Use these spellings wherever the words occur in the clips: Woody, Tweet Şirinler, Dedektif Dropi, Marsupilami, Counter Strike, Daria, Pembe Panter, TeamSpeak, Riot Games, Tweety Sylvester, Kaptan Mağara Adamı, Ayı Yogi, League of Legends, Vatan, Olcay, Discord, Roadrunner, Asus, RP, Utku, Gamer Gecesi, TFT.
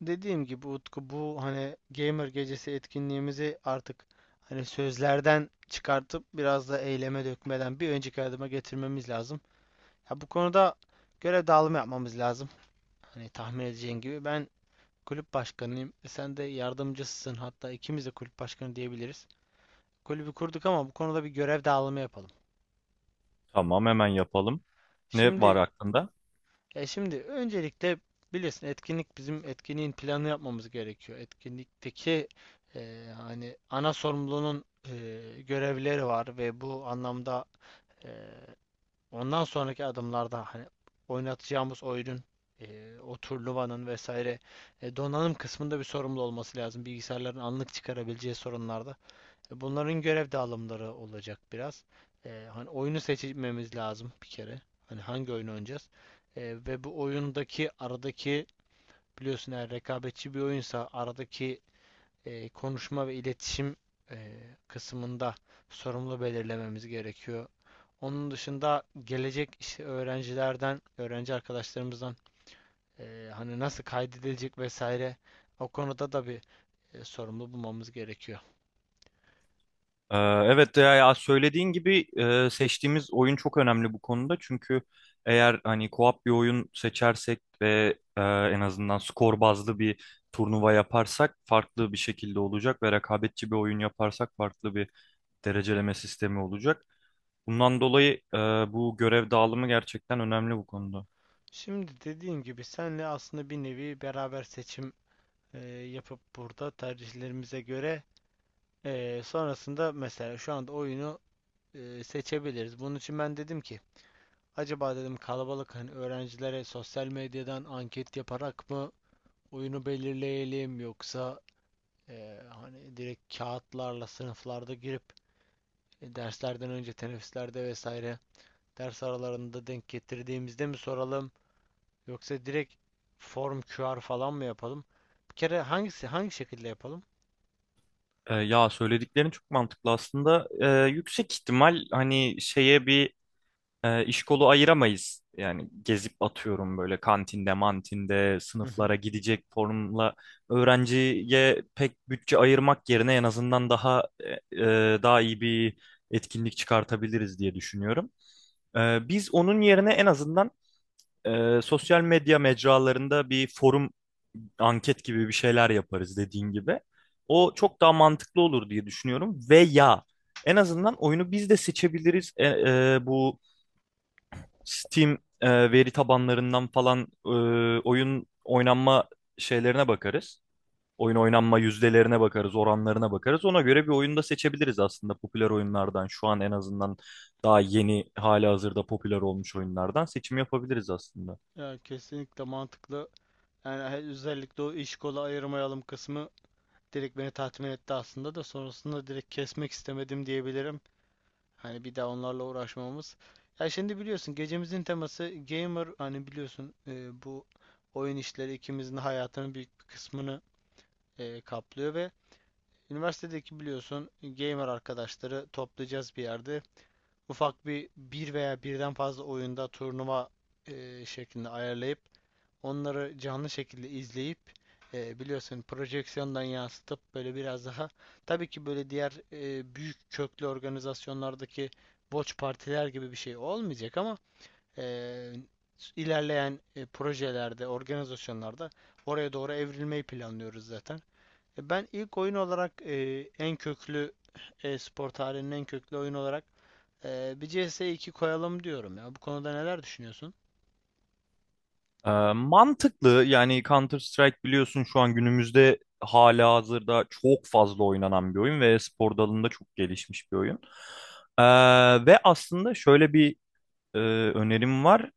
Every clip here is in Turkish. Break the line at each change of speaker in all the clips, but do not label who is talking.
Dediğim gibi Utku, bu hani Gamer Gecesi etkinliğimizi artık hani sözlerden çıkartıp biraz da eyleme dökmeden bir önceki adıma getirmemiz lazım. Ya, bu konuda görev dağılımı yapmamız lazım. Hani tahmin edeceğin gibi ben kulüp başkanıyım. Sen de yardımcısısın. Hatta ikimiz de kulüp başkanı diyebiliriz. Kulübü kurduk ama bu konuda bir görev dağılımı yapalım.
Tamam hemen yapalım. Ne var
Şimdi.
aklında?
Ya, şimdi öncelikle bilirsin, etkinlik, bizim etkinliğin planını yapmamız gerekiyor. Etkinlikteki hani ana sorumlunun görevleri var ve bu anlamda e, ondan sonraki adımlarda hani oynatacağımız oyunun o turnuvanın vesaire donanım kısmında bir sorumlu olması lazım. Bilgisayarların anlık çıkarabileceği sorunlarda. Bunların görev dağılımları olacak biraz. Hani oyunu seçmemiz lazım bir kere. Hani hangi oyunu oynayacağız? Ee, ve bu oyundaki aradaki, biliyorsun, eğer rekabetçi bir oyunsa aradaki konuşma ve iletişim e, kısmında sorumlu belirlememiz gerekiyor. Onun dışında gelecek işte öğrencilerden, öğrenci arkadaşlarımızdan hani nasıl kaydedilecek vesaire, o konuda da bir sorumlu bulmamız gerekiyor.
Evet ya, ya söylediğin gibi seçtiğimiz oyun çok önemli bu konuda. Çünkü eğer hani co-op bir oyun seçersek ve en azından skor bazlı bir turnuva yaparsak farklı bir şekilde olacak ve rekabetçi bir oyun yaparsak farklı bir dereceleme sistemi olacak. Bundan dolayı bu görev dağılımı gerçekten önemli bu konuda.
Şimdi dediğim gibi senle aslında bir nevi beraber seçim yapıp burada tercihlerimize göre sonrasında, mesela, şu anda oyunu seçebiliriz. Bunun için ben dedim ki, acaba dedim, kalabalık hani öğrencilere sosyal medyadan anket yaparak mı oyunu belirleyelim, yoksa hani direkt kağıtlarla sınıflarda girip derslerden önce teneffüslerde vesaire ders aralarında denk getirdiğimizde mi soralım? Yoksa direkt form QR falan mı yapalım? Bir kere hangisi, hangi şekilde yapalım?
Ya söylediklerin çok mantıklı aslında. Yüksek ihtimal hani şeye bir iş kolu ayıramayız. Yani gezip atıyorum böyle kantinde, mantinde,
Hı hı.
sınıflara gidecek formla öğrenciye pek bütçe ayırmak yerine en azından daha daha iyi bir etkinlik çıkartabiliriz diye düşünüyorum. Biz onun yerine en azından sosyal medya mecralarında bir forum anket gibi bir şeyler yaparız dediğin gibi. O çok daha mantıklı olur diye düşünüyorum. Veya en azından oyunu biz de seçebiliriz. Bu Steam veri tabanlarından falan e, oyun oynanma şeylerine bakarız. Oyun oynanma yüzdelerine bakarız, oranlarına bakarız. Ona göre bir oyunu da seçebiliriz aslında popüler oyunlardan. Şu an en azından daha yeni, hali hazırda popüler olmuş oyunlardan seçim yapabiliriz aslında.
Ya, kesinlikle mantıklı. Yani özellikle o iş kola ayırmayalım kısmı direkt beni tatmin etti aslında da sonrasında direkt kesmek istemedim diyebilirim. Hani bir daha onlarla uğraşmamız. Ya, şimdi biliyorsun gecemizin teması gamer, hani biliyorsun bu oyun işleri ikimizin hayatının büyük bir kısmını kaplıyor ve üniversitedeki, biliyorsun, gamer arkadaşları toplayacağız bir yerde. Ufak bir veya birden fazla oyunda turnuva şeklinde ayarlayıp onları canlı şekilde izleyip biliyorsun projeksiyondan yansıtıp böyle biraz daha, tabii ki böyle diğer büyük köklü organizasyonlardaki boç partiler gibi bir şey olmayacak ama e, ilerleyen projelerde, organizasyonlarda oraya doğru evrilmeyi planlıyoruz zaten. Ben ilk oyun olarak en köklü spor tarihinin en köklü oyun olarak bir CS 2 koyalım diyorum ya. Bu konuda neler düşünüyorsun?
Mantıklı yani Counter Strike biliyorsun şu an günümüzde hali hazırda çok fazla oynanan bir oyun ve spor dalında çok gelişmiş bir oyun. E, Ve aslında şöyle bir e, önerim var.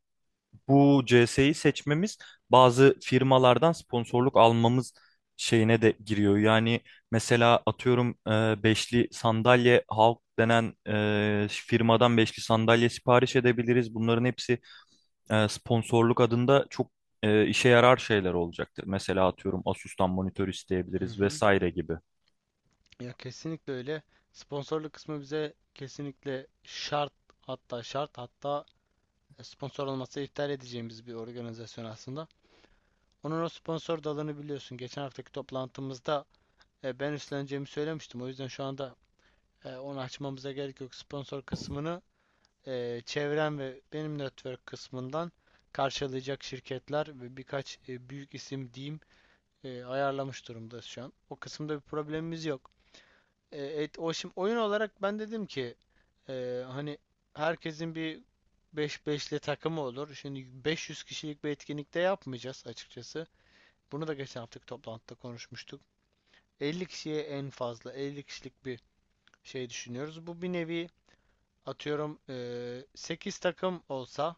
Bu CS'yi seçmemiz bazı firmalardan sponsorluk almamız şeyine de giriyor. Yani mesela atıyorum beşli sandalye Halk denen firmadan beşli sandalye sipariş edebiliriz. Bunların hepsi sponsorluk adında çok işe yarar şeyler olacaktır. Mesela atıyorum Asus'tan monitör
Hı
isteyebiliriz
hı.
vesaire gibi.
Ya, kesinlikle öyle. Sponsorluk kısmı bize kesinlikle şart, hatta şart, hatta sponsor olmasa iptal edeceğimiz bir organizasyon aslında. Onun o sponsor dalını biliyorsun. Geçen haftaki toplantımızda ben üstleneceğimi söylemiştim. O yüzden şu anda onu açmamıza gerek yok. Sponsor kısmını çevrem ve benim network kısmından karşılayacak şirketler ve birkaç büyük isim diyeyim ayarlamış durumda şu an. O kısımda bir problemimiz yok. O şimdi oyun olarak ben dedim ki hani herkesin bir 5 beşli takımı olur. Şimdi 500 kişilik bir etkinlikte yapmayacağız açıkçası. Bunu da geçen haftaki toplantıda konuşmuştuk. 50 kişiye, en fazla 50 kişilik bir şey düşünüyoruz. Bu bir nevi atıyorum 8 takım olsa,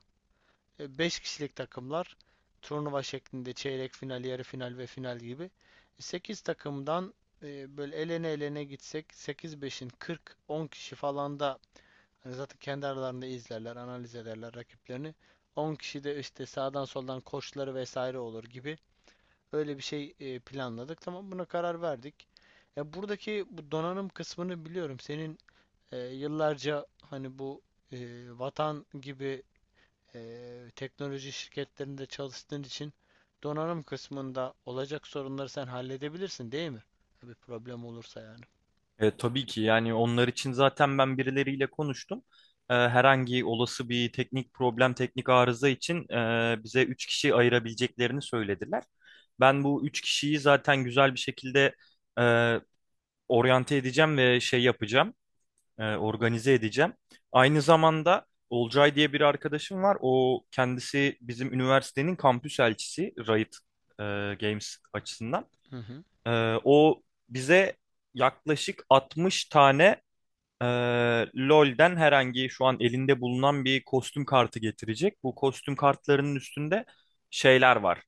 5 kişilik takımlar, turnuva şeklinde çeyrek final, yarı final ve final gibi. 8 takımdan böyle elene elene gitsek, sekiz beşin 40, 10 kişi falan da hani zaten kendi aralarında izlerler, analiz ederler rakiplerini. 10 kişi de işte sağdan soldan koçları vesaire olur gibi, öyle bir şey planladık. Tamam, buna karar verdik. Ya, buradaki bu donanım kısmını biliyorum. Senin yıllarca hani bu e, Vatan gibi teknoloji şirketlerinde çalıştığın için donanım kısmında olacak sorunları sen halledebilirsin değil mi? Bir problem olursa yani.
Tabii ki yani onlar için zaten ben birileriyle konuştum. Herhangi olası bir teknik problem, teknik arıza için bize 3 kişi ayırabileceklerini söylediler. Ben bu 3 kişiyi zaten güzel bir şekilde e, oryante edeceğim ve şey yapacağım, organize edeceğim. Aynı zamanda Olcay diye bir arkadaşım var. O kendisi bizim üniversitenin kampüs elçisi Riot e, Games açısından.
Hı hı.
E, O bize yaklaşık 60 tane ee, LoL'den herhangi şu an elinde bulunan bir kostüm kartı getirecek. Bu kostüm kartlarının üstünde şeyler var.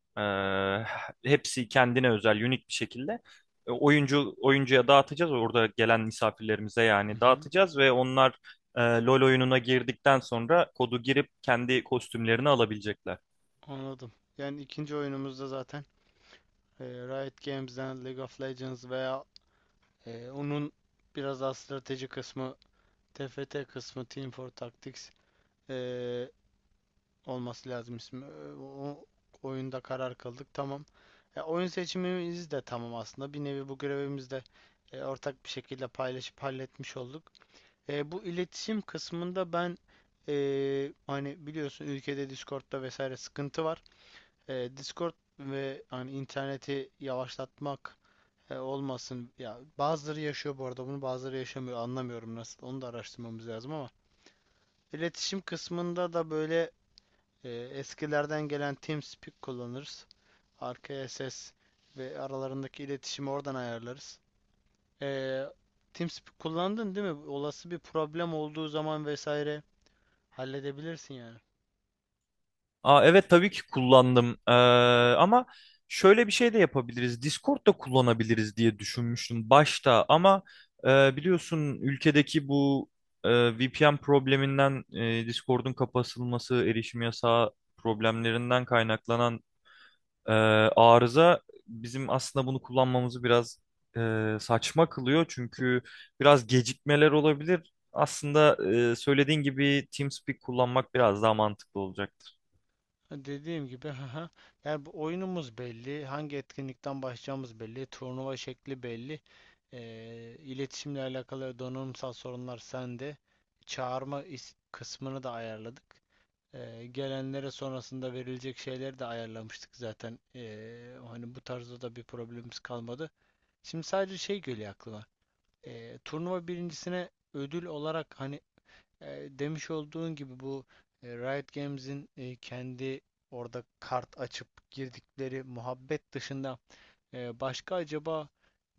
Hepsi kendine özel, unik bir şekilde. Oyuncu oyuncuya dağıtacağız. Orada gelen misafirlerimize
Hı
yani
hı.
dağıtacağız ve onlar LoL oyununa girdikten sonra kodu girip kendi kostümlerini alabilecekler.
Anladım. Yani ikinci oyunumuzda zaten Riot Games'den League of Legends veya onun biraz daha strateji kısmı, TFT kısmı, Team for Tactics eee, olması lazım ismi. O oyunda karar kıldık. Tamam. Ya, oyun seçimimiz de tamam aslında. Bir nevi bu görevimizi de ortak bir şekilde paylaşıp halletmiş olduk. Bu iletişim kısmında ben hani biliyorsun ülkede Discord'da vesaire sıkıntı var. Discord ve hani interneti yavaşlatmak olmasın. Ya, bazıları yaşıyor bu arada bunu, bazıları yaşamıyor. Anlamıyorum nasıl. Onu da araştırmamız lazım ama iletişim kısmında da böyle eskilerden gelen TeamSpeak kullanırız. Arkaya ses ve aralarındaki iletişimi oradan ayarlarız. Ee, TeamSpeak kullandın değil mi? Olası bir problem olduğu zaman vesaire halledebilirsin yani.
Aa, evet tabii ki kullandım. Ama şöyle bir şey de yapabiliriz. Discord da kullanabiliriz diye düşünmüştüm başta ama biliyorsun ülkedeki bu VPN probleminden Discord'un kapatılması, erişim yasağı problemlerinden kaynaklanan e, arıza bizim aslında bunu kullanmamızı biraz saçma kılıyor. Çünkü biraz gecikmeler olabilir. Aslında söylediğin gibi TeamSpeak kullanmak biraz daha mantıklı olacak.
Dediğim gibi, haha. Yani bu oyunumuz belli, hangi etkinlikten başlayacağımız belli, turnuva şekli belli. İletişimle alakalı donanımsal sorunlar sende. Çağırma kısmını da ayarladık. Gelenlere sonrasında verilecek şeyleri de ayarlamıştık zaten. Hani bu tarzda da bir problemimiz kalmadı. Şimdi sadece şey geliyor aklıma. Turnuva birincisine ödül olarak hani demiş olduğun gibi bu Riot Games'in kendi orada kart açıp girdikleri muhabbet dışında başka acaba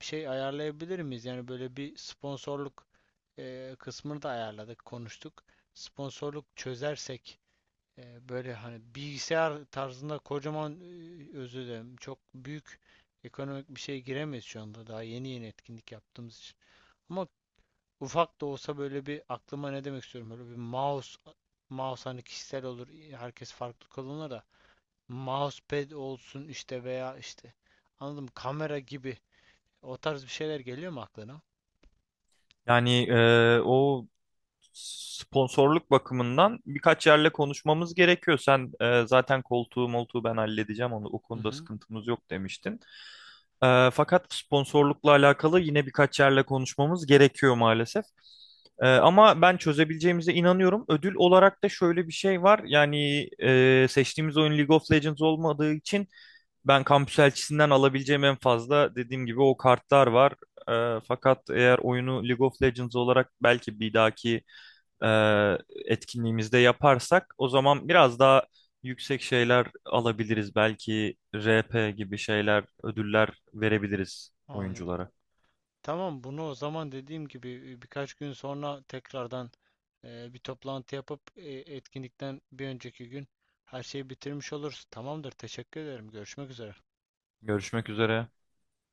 bir şey ayarlayabilir miyiz? Yani böyle bir sponsorluk kısmını da ayarladık, konuştuk. Sponsorluk çözersek böyle hani bilgisayar tarzında kocaman, özür dilerim, çok büyük ekonomik bir şey giremeyiz şu anda, daha yeni yeni etkinlik yaptığımız için. Ama ufak da olsa, böyle bir, aklıma ne demek istiyorum, böyle bir mouse, hani kişisel olur herkes farklı kullanır da, mousepad olsun işte, veya işte anladım kamera gibi, o tarz bir şeyler geliyor mu aklına?
Yani o sponsorluk bakımından birkaç yerle konuşmamız gerekiyor. Sen zaten koltuğu moltuğu ben halledeceğim onu. O
Hı
konuda
hı.
sıkıntımız yok demiştin. Fakat sponsorlukla alakalı yine birkaç yerle konuşmamız gerekiyor maalesef. Ama ben çözebileceğimize inanıyorum. Ödül olarak da şöyle bir şey var. Yani seçtiğimiz oyun League of Legends olmadığı için ben kampüs elçisinden alabileceğim en fazla dediğim gibi o kartlar var. Fakat eğer oyunu League of Legends olarak belki bir dahaki e, etkinliğimizde yaparsak o zaman biraz daha yüksek şeyler alabiliriz. Belki RP gibi şeyler, ödüller verebiliriz
Anladım.
oyunculara.
Tamam, bunu o zaman dediğim gibi birkaç gün sonra tekrardan bir toplantı yapıp etkinlikten bir önceki gün her şeyi bitirmiş oluruz. Tamamdır. Teşekkür ederim. Görüşmek üzere.
Görüşmek üzere.